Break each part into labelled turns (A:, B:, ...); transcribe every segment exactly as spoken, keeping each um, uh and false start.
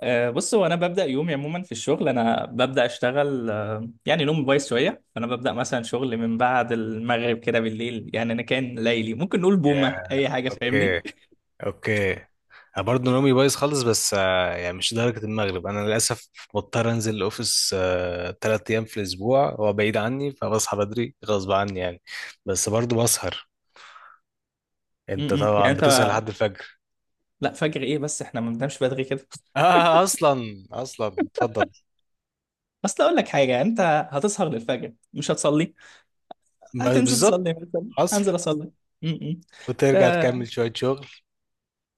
A: أه بص هو انا ببدا يومي عموما في الشغل. انا ببدا اشتغل أه يعني نوم بايظ شويه، فانا ببدا مثلا شغل من بعد المغرب كده بالليل. يعني انا كان ليلي ممكن نقول بومه
B: ياه.
A: اي حاجه، فاهمني؟
B: اوكي، اوكي، انا برضه نومي بايظ خالص، بس آه، يعني مش لدرجه المغرب. انا للاسف بضطر انزل الاوفيس ثلاث ايام في الاسبوع، هو بعيد عني، فبصحى بدري غصب عني يعني. بس برضه بسهر.
A: م-
B: انت
A: م. يعني
B: طبعا
A: انت،
B: بتسهر لحد الفجر؟
A: لا فجر ايه؟ بس احنا ما بننامش بدري كده.
B: آه، اصلا اصلا اتفضل.
A: اصل اقول لك حاجه، انت هتسهر للفجر مش هتصلي؟
B: ب-
A: هتنزل
B: بالظبط،
A: تصلي، مثلا
B: حصل.
A: هنزل اصلي. م- م.
B: وترجع
A: آه،
B: تكمل شويه شغل.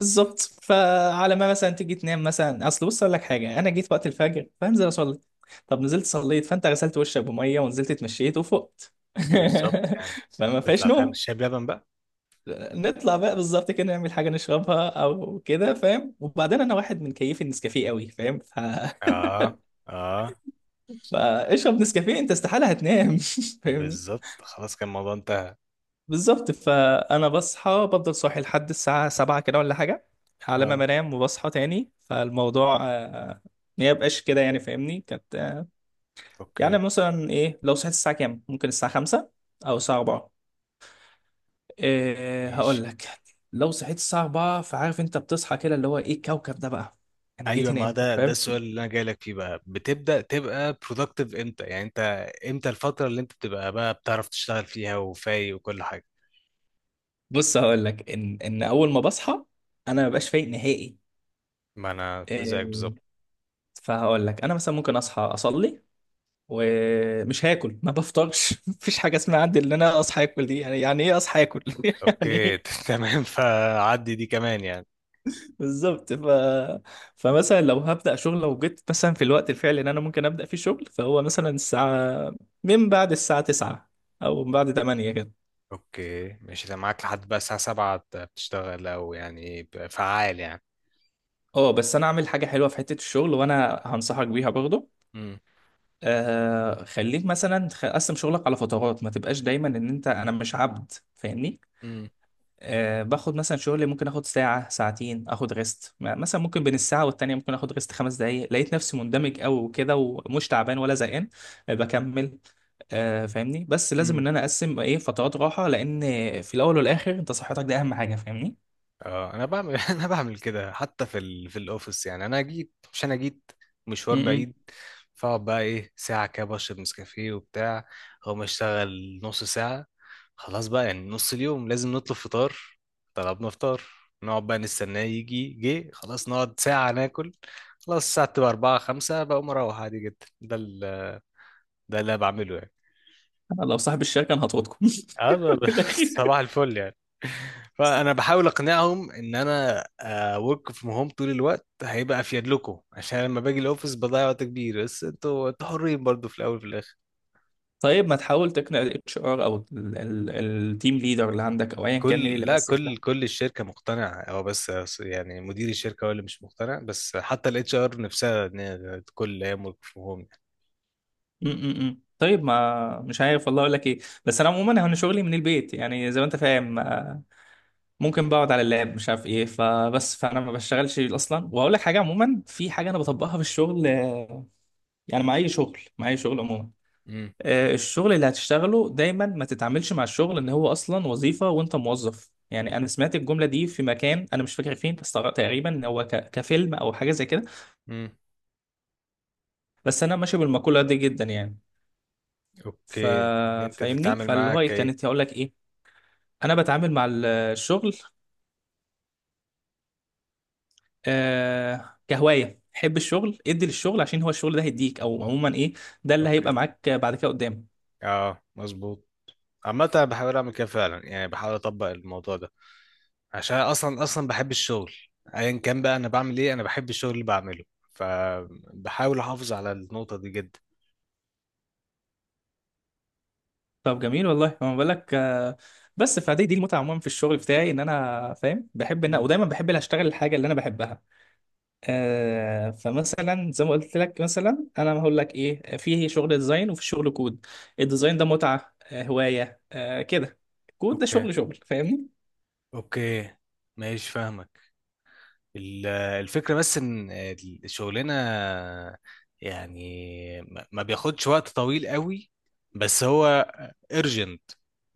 A: بالظبط. فعلى ما مثلا تيجي تنام، مثلا اصل بص اقول لك حاجه، انا جيت وقت الفجر فانزل اصلي. طب نزلت صليت، فانت غسلت وشك بميه ونزلت اتمشيت وفقت.
B: بالظبط يعني،
A: فما فيهاش
B: تطلع تعمل
A: نوم.
B: شاي بلبن بقى.
A: نطلع بقى بالظبط كده نعمل حاجه نشربها او كده، فاهم؟ وبعدين انا واحد من كيف النسكافيه قوي، فاهم؟ ف...
B: اه، اه،
A: فاشرب نسكافيه، انت استحاله هتنام. فاهمني؟
B: بالظبط، خلاص كان الموضوع انتهى.
A: بالظبط. فانا بصحى بفضل صاحي لحد الساعه سبعه كده ولا حاجه، على ما
B: اه،
A: بنام وبصحى تاني. فالموضوع آه، ما يبقاش كده يعني، فاهمني؟ كانت آه،
B: اوكي،
A: يعني مثلا ايه؟ لو صحيت الساعه كام؟ ممكن الساعه خمسه او الساعه اربعه. إيه هقول
B: ماشي.
A: لك، لو صحيت الساعه اربعه فعارف انت بتصحى كده، اللي هو ايه الكوكب ده بقى، انا جيت
B: ايوه،
A: هنا
B: ما
A: امتى،
B: ده ده
A: فاهم؟
B: السؤال اللي انا جاي لك فيه بقى، بتبدا تبقى productive امتى يعني انت؟ امتى الفتره اللي انت بتبقى بقى بتعرف تشتغل فيها وفايق وكل حاجه؟
A: بص هقول لك، ان ان اول ما بصحى انا ما ببقاش فايق نهائي،
B: ما انا
A: إيه.
B: زيك بالظبط.
A: فهقول لك، انا مثلا ممكن اصحى اصلي ومش هاكل، ما بفطرش. مفيش حاجه اسمها عندي ان انا اصحى اكل، دي يعني يعني ايه اصحى اكل، يعني
B: اوكي.
A: ايه.
B: تمام، فعدي دي كمان يعني.
A: بالظبط. ف... فمثلا لو هبدا شغل، لو جيت مثلا في الوقت الفعلي اللي انا ممكن ابدا فيه شغل، فهو مثلا الساعه، من بعد الساعه تسعه او من بعد تمانيه كده.
B: اوكي، ماشي، ده معاك لحد بقى الساعه سبعه؟ بتشتغل او يعني فعال يعني؟
A: اه بس انا اعمل حاجه حلوه في حته الشغل وانا هنصحك بيها برضه.
B: امم
A: آه خليك مثلا، خ- قسم شغلك على فترات، ما تبقاش دايما ان انت، انا مش عبد، فاهمني؟
B: امم،
A: أه باخد مثلا شغل، ممكن اخد ساعة ساعتين، اخد ريست. مثلا ممكن بين الساعة والتانية ممكن اخد ريست خمس دقايق. لقيت نفسي مندمج قوي وكده ومش تعبان ولا زهقان، آه، بكمل. أه فاهمني؟ بس لازم
B: امم.
A: ان انا اقسم ايه، فترات راحة، لان في الاول والاخر انت صحتك دي اهم حاجة، فاهمني؟
B: اه، انا بعمل انا بعمل كده حتى في ال... في الاوفيس. يعني انا جيت مش انا جيت مشوار
A: امم
B: بعيد، فاقعد بقى ايه ساعه كده بشرب نسكافيه وبتاع، اقوم اشتغل نص ساعه، خلاص بقى يعني، نص اليوم لازم نطلب فطار. طلبنا فطار، نقعد بقى نستناه يجي، جه خلاص نقعد ساعه ناكل. خلاص الساعه تبقى اربعه، خمسه، بقوم اروح عادي جدا. ده ال... ده اللي أنا بعمله يعني.
A: أنا لو صاحب الشركة انا هطردكم
B: اه، ب- ب-
A: في الاخير.
B: صباح الفل يعني. فانا بحاول اقنعهم ان انا ورك فروم هوم طول الوقت هيبقى افيد لكم، عشان لما باجي الاوفيس بضيع وقت كبير. بس انتوا انتوا حرين برضو في الاول وفي الاخر.
A: طيب ما تحاول تقنع الاتش ار او التيم ليدر اللي عندك او ايا كان مين
B: كل
A: اللي
B: لا،
A: ماسك.
B: كل كل الشركه مقتنعه، هو بس يعني مدير الشركه هو اللي مش مقتنع. بس حتى الاتش ار نفسها، ان هي كل ايام ورك فروم هوم.
A: م- م- م. طيب، ما مش عارف والله اقول لك ايه. بس انا عموما انا شغلي من البيت، يعني زي ما انت فاهم، آه، ممكن بقعد على اللاب، مش عارف ايه، فبس فانا ما بشتغلش اصلا. واقول لك حاجه عموما، في حاجه انا بطبقها في الشغل، آه، يعني مع اي شغل، مع اي شغل عموما.
B: امم
A: آه، الشغل اللي هتشتغله دايما ما تتعاملش مع الشغل ان هو اصلا وظيفه وانت موظف. يعني انا سمعت الجمله دي في مكان انا مش فاكر فين، بس تقريبا إن هو ك- كفيلم او حاجه زي كده.
B: امم
A: بس انا ماشي بالمقوله دي جدا يعني. ف...
B: اوكي، ان انت
A: فاهمني؟
B: تتعامل
A: فاللي
B: معاها
A: هو إيه،
B: كايه؟
A: كانت هقول لك ايه، انا بتعامل مع ال- الشغل آه كهوايه. حب الشغل، ادي للشغل، عشان هو الشغل ده هيديك، او عموما ايه، ده اللي هيبقى
B: اوكي،
A: معاك بعد كده قدام.
B: اه، مظبوط. عامة أنا بحاول أعمل كده فعلا يعني، بحاول أطبق الموضوع ده، عشان اصلا اصلا بحب الشغل. ايا كان بقى انا بعمل ايه، انا بحب الشغل اللي بعمله، فبحاول احافظ على النقطة دي جدا.
A: طب جميل والله. ما بالك آه بس فدي دي المتعه عموما في الشغل بتاعي، ان انا فاهم، بحب ان
B: مم.
A: ودايما بحب ان اشتغل الحاجه اللي انا بحبها. آه فمثلا زي ما قلت لك، مثلا انا هقول لك ايه، في شغل ديزاين وفي شغل كود. الديزاين ده متعه، آه، هوايه آه كده. كود ده
B: اوكي،
A: شغل شغل، فاهمني؟
B: اوكي، ماشي، فاهمك. ال- الفكرة بس إن الشغلانة يعني ما ما بياخدش وقت طويل قوي، بس هو urgent،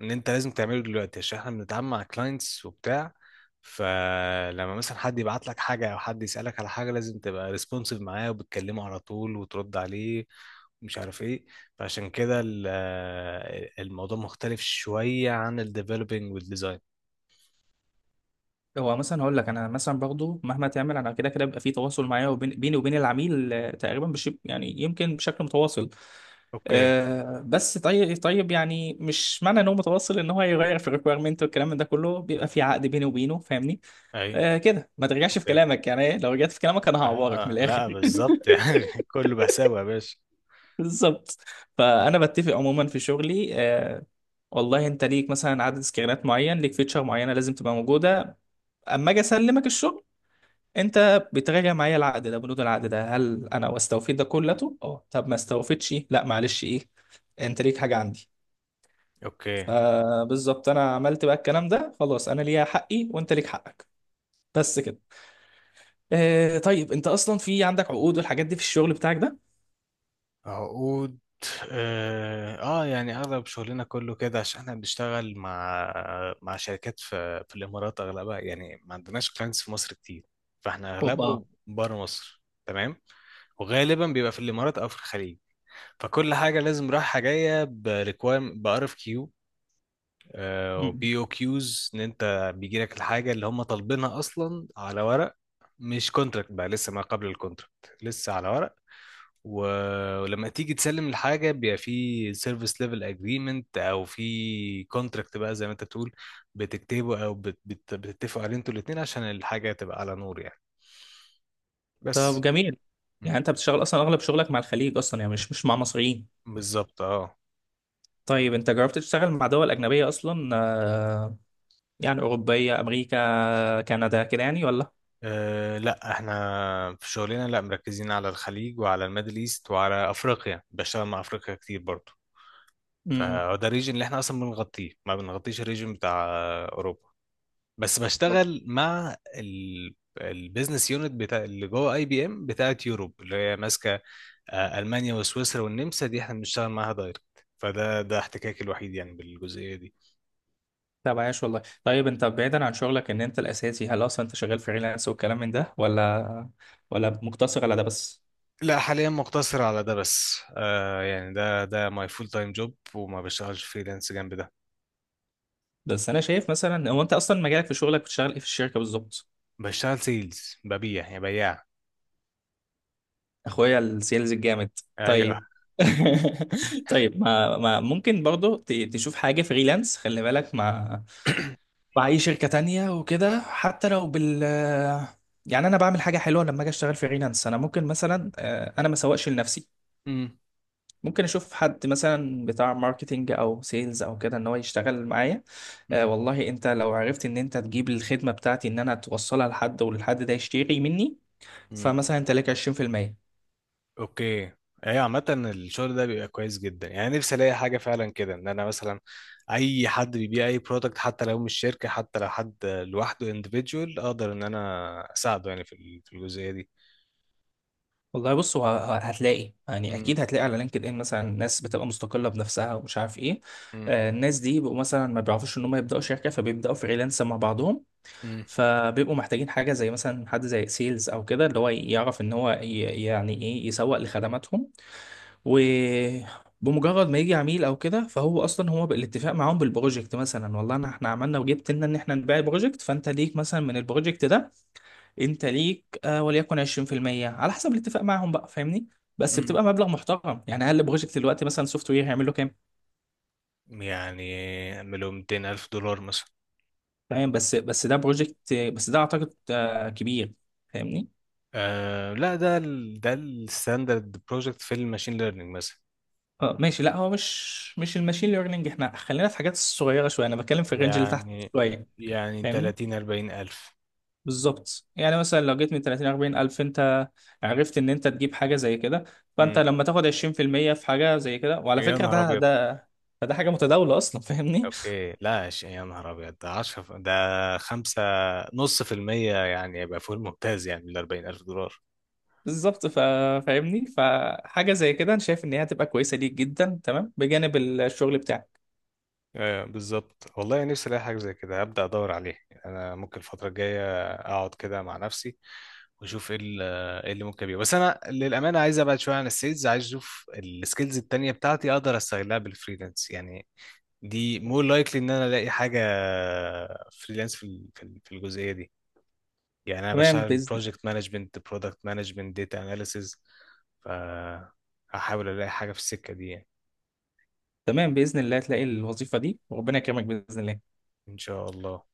B: إن أنت لازم تعمله دلوقتي عشان إحنا بنتعامل مع clients وبتاع. فلما مثلا حد يبعت لك حاجة أو حد يسألك على حاجة، لازم تبقى responsive معاه وبتكلمه على طول وترد عليه، ومش عارف إيه. فعشان كده ال- الموضوع مختلف شوية عن ال developing وال design.
A: هو مثلا هقول لك، انا مثلا برضه مهما تعمل انا كده كده بيبقى في تواصل معايا وبين بيني وبين العميل، آه، تقريبا بش يعني يمكن بشكل متواصل.
B: أوكي.
A: آه، بس طيب طيب يعني مش معنى ان هو متواصل ان هو هيغير في الريكويرمنت والكلام من ده كله. بيبقى في عقد بيني وبينه، فاهمني؟
B: أيوه.
A: آه كده ما ترجعش في كلامك، يعني إيه؟ لو رجعت في كلامك انا هعورك من
B: اه،
A: الاخر.
B: لا بالظبط يعني، كله بحسابه يا باشا.
A: بالظبط. فانا بتفق عموما في شغلي آه والله انت ليك مثلا عدد سكرينات معين، ليك فيتشر معينه لازم تبقى موجوده. اما اجي اسلمك الشغل، انت بتراجع معايا العقد ده، بنود العقد ده هل انا استوفيت ده كلته؟ اه. طب ما استوفيتش، لا معلش، ايه انت ليك حاجه عندي.
B: اوكي.
A: فبالظبط، انا عملت بقى الكلام ده، خلاص انا ليا حقي وانت ليك حقك، بس كده. آه طيب، انت اصلا في عندك عقود والحاجات دي في الشغل بتاعك ده؟
B: عقود؟ اه، آه، يعني اغلب شغلنا كله كده، عشان احنا بنشتغل مع مع شركات في في الامارات اغلبها يعني. ما عندناش كلاينتس في مصر كتير، فاحنا
A: اوبا.
B: اغلبه بره مصر تمام، وغالبا بيبقى في الامارات او في الخليج. فكل حاجه لازم رايحه جايه بريكوام بار اف. آه،
A: مم.
B: وبي او كيوز، ان انت بيجي لك الحاجه اللي هم طالبينها اصلا على ورق، مش كونتراكت بقى لسه، ما قبل الكونتراكت لسه على ورق. و- ولما تيجي تسلم الحاجه، بيبقى في سيرفيس ليفل اجريمنت او في كونتراكت بقى زي ما انت بتقول، بتكتبه او بت- بت- بتتفقوا عليه انتوا الاثنين، عشان الحاجه تبقى على نور يعني.
A: طب
B: بس.
A: جميل. يعني
B: مم.
A: انت بتشتغل اصلا اغلب شغلك مع الخليج اصلا، يعني مش مش مع مصريين؟
B: بالظبط، اه.
A: طيب انت جربت تشتغل مع دول اجنبيه اصلا، آه يعني اوروبيه، امريكا، كندا كده يعني، ولا؟
B: أه، لا احنا في شغلنا لا، مركزين على الخليج وعلى الميدل ايست وعلى افريقيا، بشتغل مع افريقيا كتير برضه.
A: امم
B: فده الريجن اللي احنا اصلا بنغطيه، ما بنغطيش الريجن بتاع اوروبا. بس بشتغل مع ال... البيزنس يونت بتاع اللي جوه اي بي ام بتاعت يوروب، اللي هي ماسكه آه، المانيا وسويسرا والنمسا، دي احنا بنشتغل معاها دايركت. فده ده احتكاكي الوحيد يعني بالجزئيه دي.
A: طب عايش والله. طيب انت بعيدا عن شغلك ان انت الاساسي، هل اصلا انت شغال فريلانس والكلام من ده، ولا ولا مقتصر على ده بس؟
B: لا، حاليا مقتصر على ده بس. آه يعني، ده ده ماي فول تايم جوب، وما بشتغلش فريلانس جنب ده.
A: بس انا شايف مثلا، هو انت اصلا مجالك في شغلك بتشتغل ايه في الشركه بالظبط؟
B: بشتغل سيلز، ببيع يعني، بياع.
A: اخويا السيلز الجامد،
B: ايوه.
A: طيب. طيب، ما, ما ممكن برضو ت- تشوف حاجه فريلانس، خلي بالك، مع مع اي شركه تانية وكده حتى لو بال، يعني انا بعمل حاجه حلوه لما اجي اشتغل فريلانس. انا ممكن مثلا، آه، انا ما سوقش لنفسي،
B: امم
A: ممكن اشوف حد مثلا بتاع ماركتينج او سيلز او كده ان هو يشتغل معايا. آه والله انت لو عرفت ان انت تجيب الخدمه بتاعتي، ان انا توصلها لحد والحد ده يشتري مني، فمثلا انت لك عشرين بالمية.
B: اوكي. ايوه. عامة الشغل ده بيبقى كويس جدا يعني، نفسي الاقي حاجة فعلا كده، ان انا مثلا اي حد بيبيع اي برودكت، حتى لو مش شركة، حتى لو حد لوحده individual، اقدر ان انا اساعده يعني في ال- في الجزئية دي.
A: والله بص، هو ه- هتلاقي، يعني
B: مم.
A: اكيد هتلاقي على لينكد ان مثلا ناس بتبقى مستقله بنفسها ومش عارف ايه.
B: مم.
A: آه الناس دي بيبقوا مثلا ما بيعرفوش ان هم يبداوا شركه، فبيبداوا فريلانس مع بعضهم.
B: مم.
A: فبيبقوا محتاجين حاجه زي مثلا حد زي سيلز او كده، اللي هو يعرف ان هو ي- يعني ايه يسوق لخدماتهم. وبمجرد ما يجي عميل او كده، فهو اصلا هو بالاتفاق معاهم بالبروجكت، مثلا والله انا احنا عملنا وجبت لنا ان احنا نبيع بروجكت، فانت ليك مثلا من البروجكت ده، انت ليك آه وليكن عشرين بالمية على حسب الاتفاق معاهم بقى، فاهمني؟ بس
B: مم.
A: بتبقى مبلغ محترم. يعني اقل بروجكت دلوقتي مثلا سوفت وير هيعمل له كام؟
B: يعني اعمله مئتين الف دولار مثلا.
A: تمام. بس بس ده بروجكت، بس ده اعتقد آه كبير، فاهمني؟
B: آه لا، ده ال ده الستاندرد بروجكت في الماشين ليرنينج مثلا.
A: اه ماشي. لا هو مش مش الماشين ليرنينج، احنا خلينا في حاجات صغيره شويه، انا بتكلم في الرينج اللي تحت
B: يعني
A: شويه،
B: يعني
A: فاهمني؟
B: ثلاثين، اربعين الف.
A: بالظبط. يعني مثلا لو جيت من تلاتين اربعين الف، انت عرفت ان انت تجيب حاجه زي كده، فانت
B: مم.
A: لما تاخد عشرين في المية في حاجه زي كده. وعلى
B: يا
A: فكره
B: نهار
A: ده
B: ابيض.
A: ده ده حاجه متداوله اصلا، فاهمني؟
B: اوكي لا، ش- يا نهار ابيض ده عشره، ف- ده خمسه، نص في المية يعني، يبقى فوق الممتاز يعني من اربعين الف دولار.
A: بالظبط. فا- فاهمني؟ فحاجه زي كده انا شايف ان هي هتبقى كويسه ليك جدا، تمام، بجانب الشغل بتاعك.
B: آه بالظبط والله، نفسي الاقي حاجه زي كده. هبدا ادور عليه، انا ممكن الفتره الجايه اقعد كده مع نفسي، واشوف ايه ال- إيه اللي ممكن يبقى، بس انا للامانه عايز ابعد شويه عن السيلز. عايز اشوف السكيلز التانية بتاعتي، اقدر استغلها بالفريلانس يعني. دي مور لايكلي ان انا الاقي حاجه فريلانس في ال- في ال- في الجزئيه دي، يعني انا
A: تمام
B: بشتغل
A: باذن
B: بروجكت مانجمنت، برودكت مانجمنت، داتا اناليسز. فهحاول الاقي حاجه في السكه دي يعني.
A: تمام، باذن الله هتلاقي الوظيفه دي وربنا يكرمك، باذن الله.
B: ان شاء الله.